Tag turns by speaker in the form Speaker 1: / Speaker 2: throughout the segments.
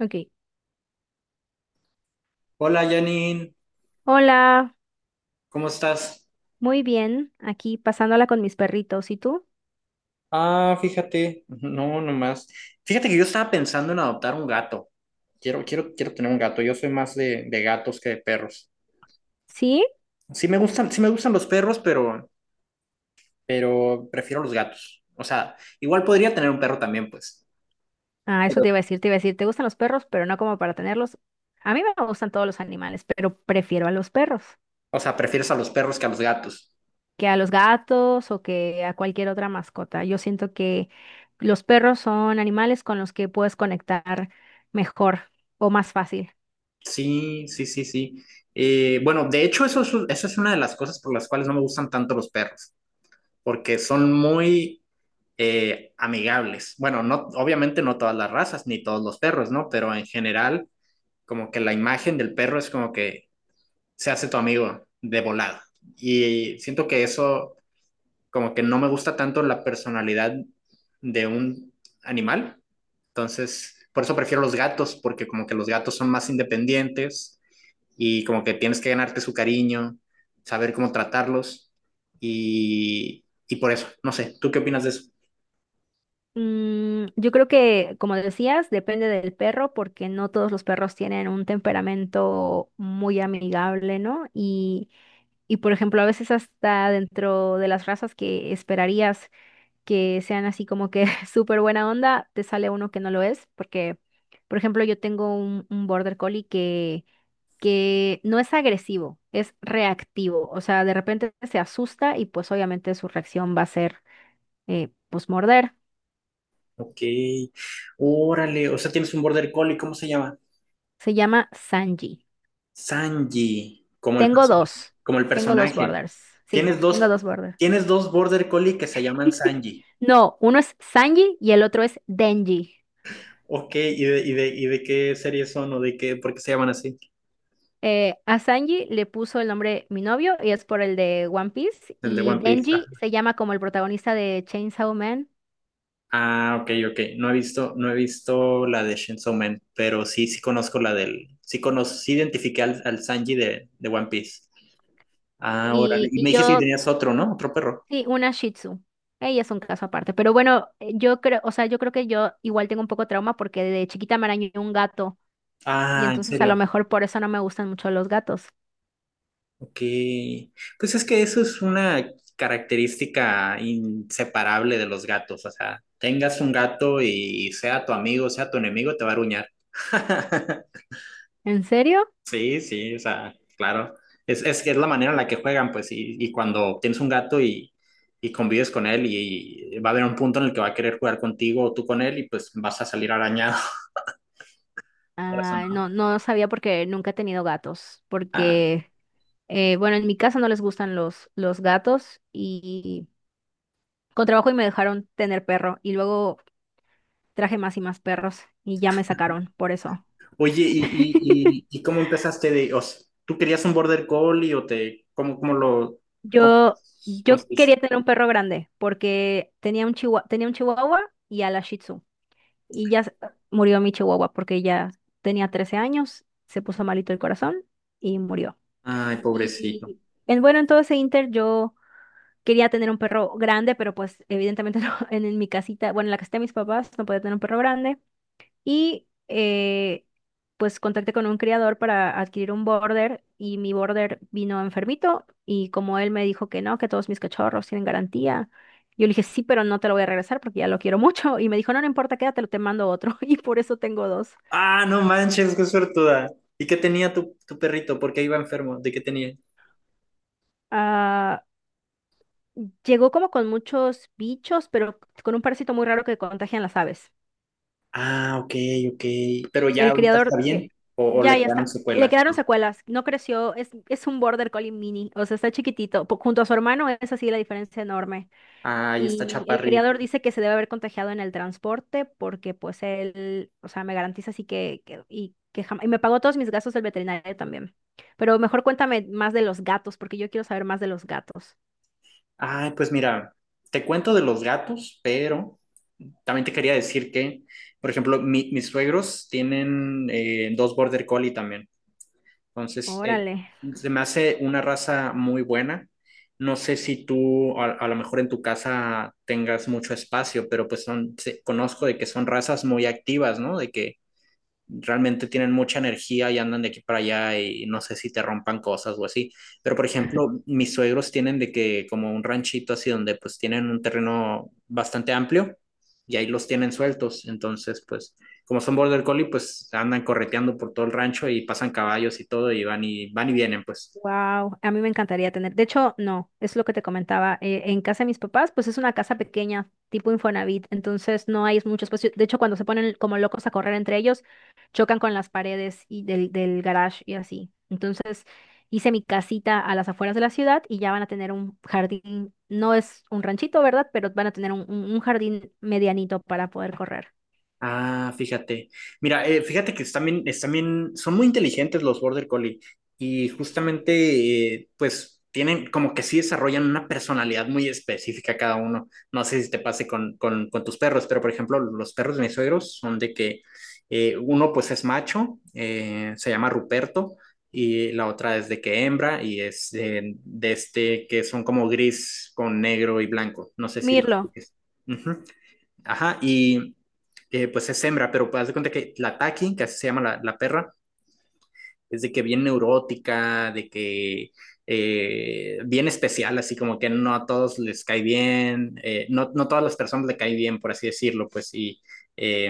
Speaker 1: Ok.
Speaker 2: Hola Janine,
Speaker 1: Hola,
Speaker 2: ¿cómo estás?
Speaker 1: muy bien. Aquí pasándola con mis perritos. ¿Y tú?
Speaker 2: Ah, fíjate, no, nomás. Fíjate que yo estaba pensando en adoptar un gato. Quiero tener un gato. Yo soy más de gatos que de perros.
Speaker 1: ¿Sí?
Speaker 2: Sí me gustan los perros, pero prefiero los gatos. O sea, igual podría tener un perro también, pues.
Speaker 1: Ah, eso te
Speaker 2: Pero,
Speaker 1: iba a decir, te iba a decir, te gustan los perros, pero no como para tenerlos. A mí me gustan todos los animales, pero prefiero a los perros
Speaker 2: o sea, prefieres a los perros que a los gatos.
Speaker 1: que a los gatos o que a cualquier otra mascota. Yo siento que los perros son animales con los que puedes conectar mejor o más fácil.
Speaker 2: Sí, sí, sí, sí. Bueno, de hecho, eso es una de las cosas por las cuales no me gustan tanto los perros, porque son muy amigables. Bueno, no, obviamente no todas las razas ni todos los perros, ¿no? Pero en general, como que la imagen del perro es como que se hace tu amigo de volada. Y siento que eso, como que no me gusta tanto la personalidad de un animal. Entonces, por eso prefiero los gatos, porque como que los gatos son más independientes y como que tienes que ganarte su cariño, saber cómo tratarlos. Y por eso, no sé, ¿tú qué opinas de eso?
Speaker 1: Mm, yo creo que, como decías, depende del perro porque no todos los perros tienen un temperamento muy amigable, ¿no? Y por ejemplo, a veces hasta dentro de las razas que esperarías que sean así como que súper buena onda, te sale uno que no lo es, porque, por ejemplo, yo tengo un border collie que no es agresivo, es reactivo. O sea, de repente se asusta y pues obviamente su reacción va a ser pues morder.
Speaker 2: Ok, órale, o sea, tienes un border collie, ¿cómo se llama?
Speaker 1: Se llama Sanji.
Speaker 2: Sanji,
Speaker 1: Tengo dos,
Speaker 2: como el
Speaker 1: tengo dos
Speaker 2: personaje.
Speaker 1: borders. Sí,
Speaker 2: Tienes
Speaker 1: tengo
Speaker 2: dos,
Speaker 1: dos borders.
Speaker 2: tienes dos border collie que se llaman Sanji.
Speaker 1: No, uno es Sanji y el otro es Denji.
Speaker 2: Ok, ¿y de qué serie son o de qué, por qué se llaman así?
Speaker 1: A Sanji le puso el nombre Mi novio y es por el de One Piece.
Speaker 2: El de
Speaker 1: Y
Speaker 2: One Piece.
Speaker 1: Denji se llama como el protagonista de Chainsaw Man.
Speaker 2: Ah, ok, ok. No he visto la de Chainsaw Man, pero sí, sí conozco sí identifiqué al Sanji de One Piece. Ah, órale.
Speaker 1: Y,
Speaker 2: Y
Speaker 1: y
Speaker 2: me dijiste que
Speaker 1: yo,
Speaker 2: tenías otro, ¿no? Otro perro.
Speaker 1: sí, una Shih Tzu. Ella es un caso aparte. Pero bueno, yo creo, o sea, yo creo que yo igual tengo un poco de trauma porque de chiquita me arañó un gato. Y
Speaker 2: Ah, ¿en
Speaker 1: entonces a lo
Speaker 2: serio?
Speaker 1: mejor por eso no me gustan mucho los gatos.
Speaker 2: Ok, pues es que eso es una característica inseparable de los gatos, o sea, tengas un gato y sea tu amigo, sea tu enemigo, te va a aruñar.
Speaker 1: ¿En serio?
Speaker 2: Sí, sí, o sea, claro, que es la manera en la que juegan, pues, y cuando tienes un gato y convives con él y, va a haber un punto en el que va a querer jugar contigo o tú con él y pues vas a salir arañado, quieras o
Speaker 1: Ah,
Speaker 2: no.
Speaker 1: no, no sabía porque nunca he tenido gatos.
Speaker 2: Ah,
Speaker 1: Porque, bueno, en mi casa no les gustan los gatos y. Con trabajo y me dejaron tener perro y luego traje más y más perros y ya me sacaron por eso.
Speaker 2: oye, ¿y, y, y, y cómo empezaste o sea, tú querías un border collie o te, cómo, cómo lo cómo
Speaker 1: Yo, yo
Speaker 2: conseguiste?
Speaker 1: quería tener un perro grande porque tenía un chihuahua y a la Shih Tzu. Y ya se- Murió mi chihuahua porque ya tenía 13 años, se puso malito el corazón y murió.
Speaker 2: Ay, pobrecito.
Speaker 1: Y en, bueno, en todo ese inter yo quería tener un perro grande, pero pues evidentemente no, en mi casita, bueno, en la casita de mis papás no podía tener un perro grande. Y pues contacté con un criador para adquirir un border y mi border vino enfermito y como él me dijo que no, que todos mis cachorros tienen garantía, yo le dije sí, pero no te lo voy a regresar porque ya lo quiero mucho y me dijo no, no importa, quédatelo, te mando otro y por eso tengo dos.
Speaker 2: Ah, no manches, qué suertuda. ¿Y qué tenía tu perrito? ¿Por qué iba enfermo? ¿De qué tenía?
Speaker 1: Ah, llegó como con muchos bichos, pero con un parásito muy raro que contagian las aves.
Speaker 2: Ah, ok, ok. Pero ya
Speaker 1: El
Speaker 2: ahorita está
Speaker 1: criador,
Speaker 2: bien o
Speaker 1: ya,
Speaker 2: le
Speaker 1: ya
Speaker 2: quedaron
Speaker 1: está. Le
Speaker 2: secuelas.
Speaker 1: quedaron secuelas, no creció, es un border collie mini, o sea, está chiquitito. Junto a su hermano es así la diferencia enorme.
Speaker 2: Ay, está
Speaker 1: Y el criador
Speaker 2: chaparrito.
Speaker 1: dice que se debe haber contagiado en el transporte porque pues él, o sea, me garantiza así que, y que jamás, y me pagó todos mis gastos del veterinario también. Pero mejor cuéntame más de los gatos, porque yo quiero saber más de los gatos.
Speaker 2: Ay, pues mira, te cuento de los gatos, pero también te quería decir que, por ejemplo, mis suegros tienen dos border collie también. Entonces,
Speaker 1: Órale.
Speaker 2: se me hace una raza muy buena. No sé si tú a lo mejor en tu casa tengas mucho espacio, pero pues son, conozco de que son razas muy activas, ¿no? De que realmente tienen mucha energía y andan de aquí para allá y no sé si te rompan cosas o así. Pero, por ejemplo, mis suegros tienen de que como un ranchito así donde pues tienen un terreno bastante amplio y ahí los tienen sueltos. Entonces, pues como son border collie, pues andan correteando por todo el rancho y pasan caballos y todo y van y van y vienen, pues.
Speaker 1: Wow, a mí me encantaría tener. De hecho, no, es lo que te comentaba. En casa de mis papás, pues es una casa pequeña, tipo Infonavit, entonces no hay mucho espacio. De hecho, cuando se ponen como locos a correr entre ellos, chocan con las paredes y del garage y así. Entonces, hice mi casita a las afueras de la ciudad y ya van a tener un jardín. No es un ranchito, ¿verdad? Pero van a tener un jardín medianito para poder correr.
Speaker 2: Ah, fíjate. Mira, fíjate que están bien, son muy inteligentes los Border Collie y justamente, pues, tienen como que sí desarrollan una personalidad muy específica cada uno. No sé si te pase con tus perros, pero por ejemplo, los perros de mis suegros son de que uno pues es macho, se llama Ruperto, y la otra es de que hembra y es de este que son como gris con negro y blanco. No sé si los...
Speaker 1: Mirlo.
Speaker 2: Ujú. Ajá, y pues es hembra, pero haz de cuenta que la Taki, que así se llama la perra, es de que bien neurótica, de que bien especial, así como que no a todos les cae bien, no, no todas las personas le cae bien, por así decirlo, pues sí. Eh,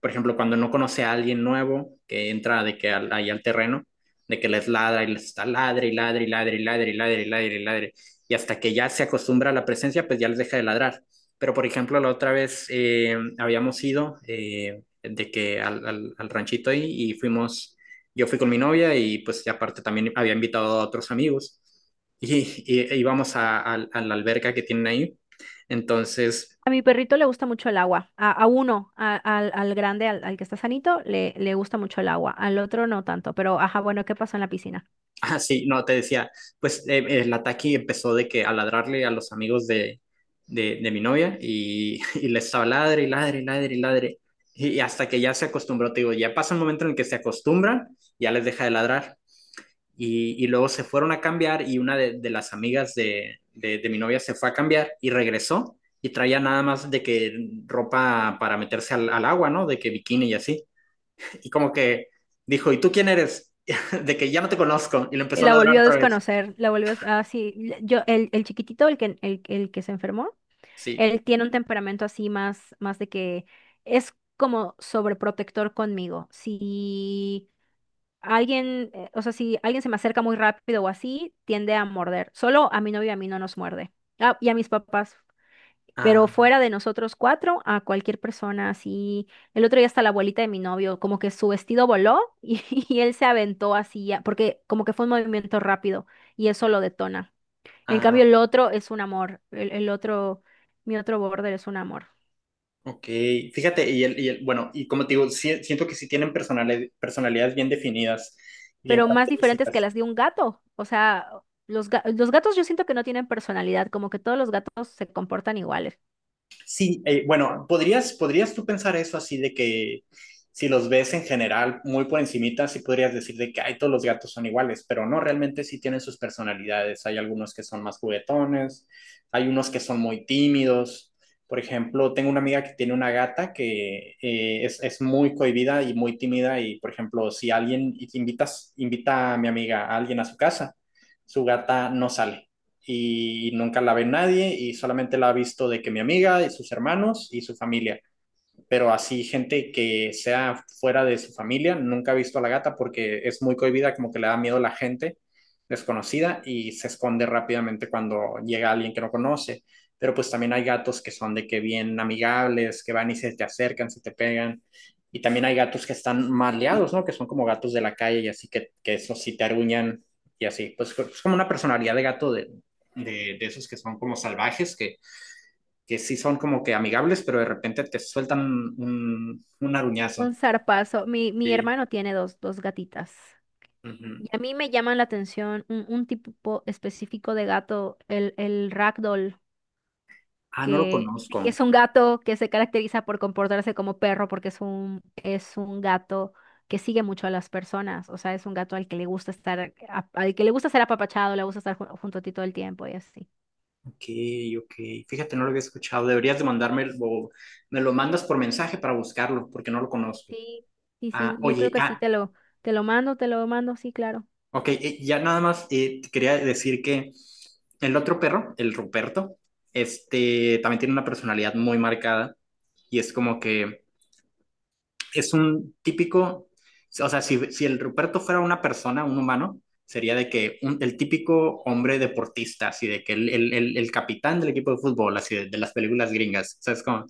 Speaker 2: por ejemplo, cuando no conoce a alguien nuevo que entra de que ahí al terreno, de que les ladra y les está ladre y ladre y ladre y ladre y ladre y ladre y ladre, y hasta que ya se acostumbra a la presencia, pues ya les deja de ladrar. Pero, por ejemplo, la otra vez habíamos ido de que al ranchito ahí y fuimos yo fui con mi novia y pues y aparte también había invitado a otros amigos y, e íbamos a la alberca que tienen ahí. Entonces,
Speaker 1: A mi perrito le gusta mucho el agua. A uno, a- al, Al grande, al que está sanito, le gusta mucho el agua. Al otro no tanto. Pero, ajá, bueno, ¿qué pasó en la piscina?
Speaker 2: ah, sí, no, te decía, pues el ataque empezó de que a ladrarle a los amigos de mi novia y, y les estaba ladre y ladre y ladre y ladre. Y hasta que ya se acostumbró, te digo, ya pasa un momento en el que se acostumbran, ya les deja de ladrar. Y luego se fueron a cambiar y una de las amigas de mi novia se fue a cambiar y regresó y traía nada más de que ropa para meterse al agua, ¿no? De que bikini y así. Y como que dijo, ¿y tú quién eres? De que ya no te conozco. Y le
Speaker 1: Y
Speaker 2: empezó a
Speaker 1: la
Speaker 2: ladrar
Speaker 1: volvió a
Speaker 2: otra vez.
Speaker 1: desconocer. La volvió a... des- Ah, sí. Yo, el chiquitito, el que se enfermó,
Speaker 2: Sí.
Speaker 1: él tiene un temperamento así más, más de que es como sobreprotector conmigo. Si alguien, o sea, si alguien se me acerca muy rápido o así, tiende a morder. Solo a mi novio y a mí no nos muerde. Ah, y a mis papás. Pero
Speaker 2: Ah,
Speaker 1: fuera de nosotros cuatro, a cualquier persona así. El otro día hasta la abuelita de mi novio, como que su vestido voló y, y él se aventó así, porque como que fue un movimiento rápido y eso lo detona. En
Speaker 2: ah,
Speaker 1: cambio, el otro es un amor. Mi otro border es un amor.
Speaker 2: ok. Fíjate, bueno, y como te digo, siento que sí tienen personalidades bien definidas, bien
Speaker 1: Pero más diferentes que
Speaker 2: características.
Speaker 1: las de un gato. O sea, los gatos yo siento que no tienen personalidad, como que todos los gatos se comportan iguales.
Speaker 2: Sí, bueno, ¿podrías tú pensar eso así de que si los ves en general muy por encimita, sí podrías decir de que ay, todos los gatos son iguales, pero no, realmente sí tienen sus personalidades? Hay algunos que son más juguetones, hay unos que son muy tímidos. Por ejemplo, tengo una amiga que tiene una gata que es muy cohibida y muy tímida y, por ejemplo, si alguien invita a mi amiga, a alguien a su casa, su gata no sale y nunca la ve nadie y solamente la ha visto de que mi amiga y sus hermanos y su familia, pero así gente que sea fuera de su familia nunca ha visto a la gata porque es muy cohibida, como que le da miedo a la gente desconocida y se esconde rápidamente cuando llega alguien que no conoce. Pero pues también hay gatos que son de que bien amigables, que van y se te acercan, se te pegan. Y también hay gatos que están maleados, ¿no? Que son como gatos de la calle y así que, eso sí te aruñan y así. Pues es como una personalidad de gato de esos que son como salvajes, que sí son como que amigables, pero de repente te sueltan un aruñazo.
Speaker 1: Un zarpazo. Mi
Speaker 2: Sí.
Speaker 1: hermano tiene dos, dos gatitas.
Speaker 2: Ujú.
Speaker 1: Y a mí me llama la atención un tipo específico de gato, el ragdoll,
Speaker 2: Ah, no lo
Speaker 1: que dice que
Speaker 2: conozco.
Speaker 1: es un gato que se caracteriza por comportarse como perro porque es es un gato que sigue mucho a las personas, o sea, es un gato al que le gusta estar, al que le gusta ser apapachado, le gusta estar junto a ti todo el tiempo y así.
Speaker 2: Ok, ok. Fíjate, no lo había escuchado. Deberías de mandarme o me lo mandas por mensaje para buscarlo, porque no lo conozco.
Speaker 1: Sí, sí, sí,
Speaker 2: Ah,
Speaker 1: yo creo
Speaker 2: oye,
Speaker 1: que sí, te lo mando, sí, claro.
Speaker 2: ok. Ya nada más te quería decir que el otro perro, el Ruperto, este también tiene una personalidad muy marcada y es como que es un típico, o sea, si, si el Ruperto fuera una persona, un humano, sería de que el típico hombre deportista, así de que el capitán del equipo de fútbol, así de las películas gringas, ¿sabes cómo?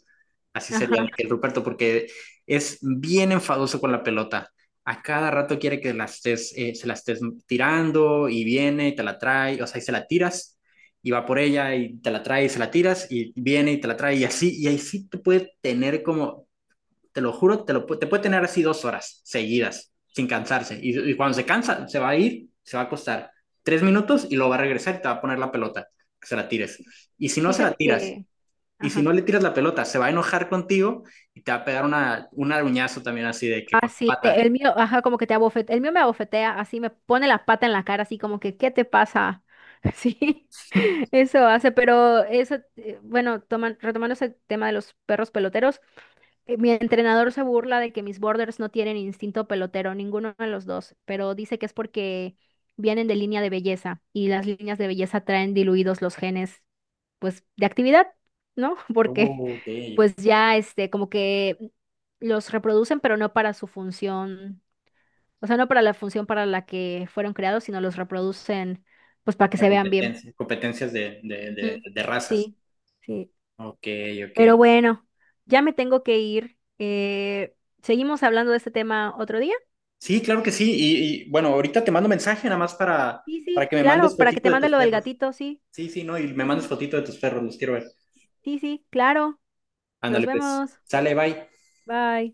Speaker 2: Así sería de
Speaker 1: Ajá,
Speaker 2: que el Ruperto, porque es bien enfadoso con la pelota. A cada rato quiere que se la estés tirando y viene y te la trae, o sea, y se la tiras y va por ella y te la trae y se la tiras y viene y te la trae y así te puede tener como te lo juro, te puede tener así 2 horas seguidas, sin cansarse. Y, cuando se cansa, se va a ir, se va a acostar 3 minutos y lo va a regresar y te va a poner la pelota, que se la tires. Y si no se la
Speaker 1: fíjate
Speaker 2: tiras,
Speaker 1: que,
Speaker 2: y si no
Speaker 1: ajá.
Speaker 2: le tiras la pelota, se va a enojar contigo y te va a pegar un aruñazo también así de que con la
Speaker 1: Así,
Speaker 2: pata.
Speaker 1: el mío, ajá, como que te abofetea, el mío me abofetea, así me pone la pata en la cara, así como que, ¿qué te pasa? Sí, eso hace, pero eso, bueno, retomando ese tema de los perros peloteros, mi entrenador se burla de que mis borders no tienen instinto pelotero, ninguno de los dos, pero dice que es porque vienen de línea de belleza y las líneas de belleza traen diluidos los genes, pues, de actividad, ¿no? Porque,
Speaker 2: Oh, ok,
Speaker 1: pues ya, este, como que los reproducen, pero no para su función, o sea, no para la función para la que fueron creados, sino los reproducen, pues, para que
Speaker 2: para
Speaker 1: se vean bien.
Speaker 2: competencias de, de, de,
Speaker 1: Ujú,
Speaker 2: de razas.
Speaker 1: sí, sí.
Speaker 2: Ok, ok.
Speaker 1: Pero bueno, ya me tengo que ir. ¿Seguimos hablando de este tema otro día?
Speaker 2: Sí, claro que sí. Y, bueno, ahorita te mando mensaje nada más
Speaker 1: Sí,
Speaker 2: para
Speaker 1: sí,
Speaker 2: que me mandes
Speaker 1: claro, para que
Speaker 2: fotito
Speaker 1: te
Speaker 2: de
Speaker 1: mande
Speaker 2: tus
Speaker 1: lo del
Speaker 2: perros.
Speaker 1: gatito, sí,
Speaker 2: Sí, sí, no, y me
Speaker 1: sí,
Speaker 2: mandas
Speaker 1: sí,
Speaker 2: fotito de tus perros, los quiero ver.
Speaker 1: sí, sí, claro. Nos
Speaker 2: Ándale, pues.
Speaker 1: vemos.
Speaker 2: Sale, bye.
Speaker 1: Bye.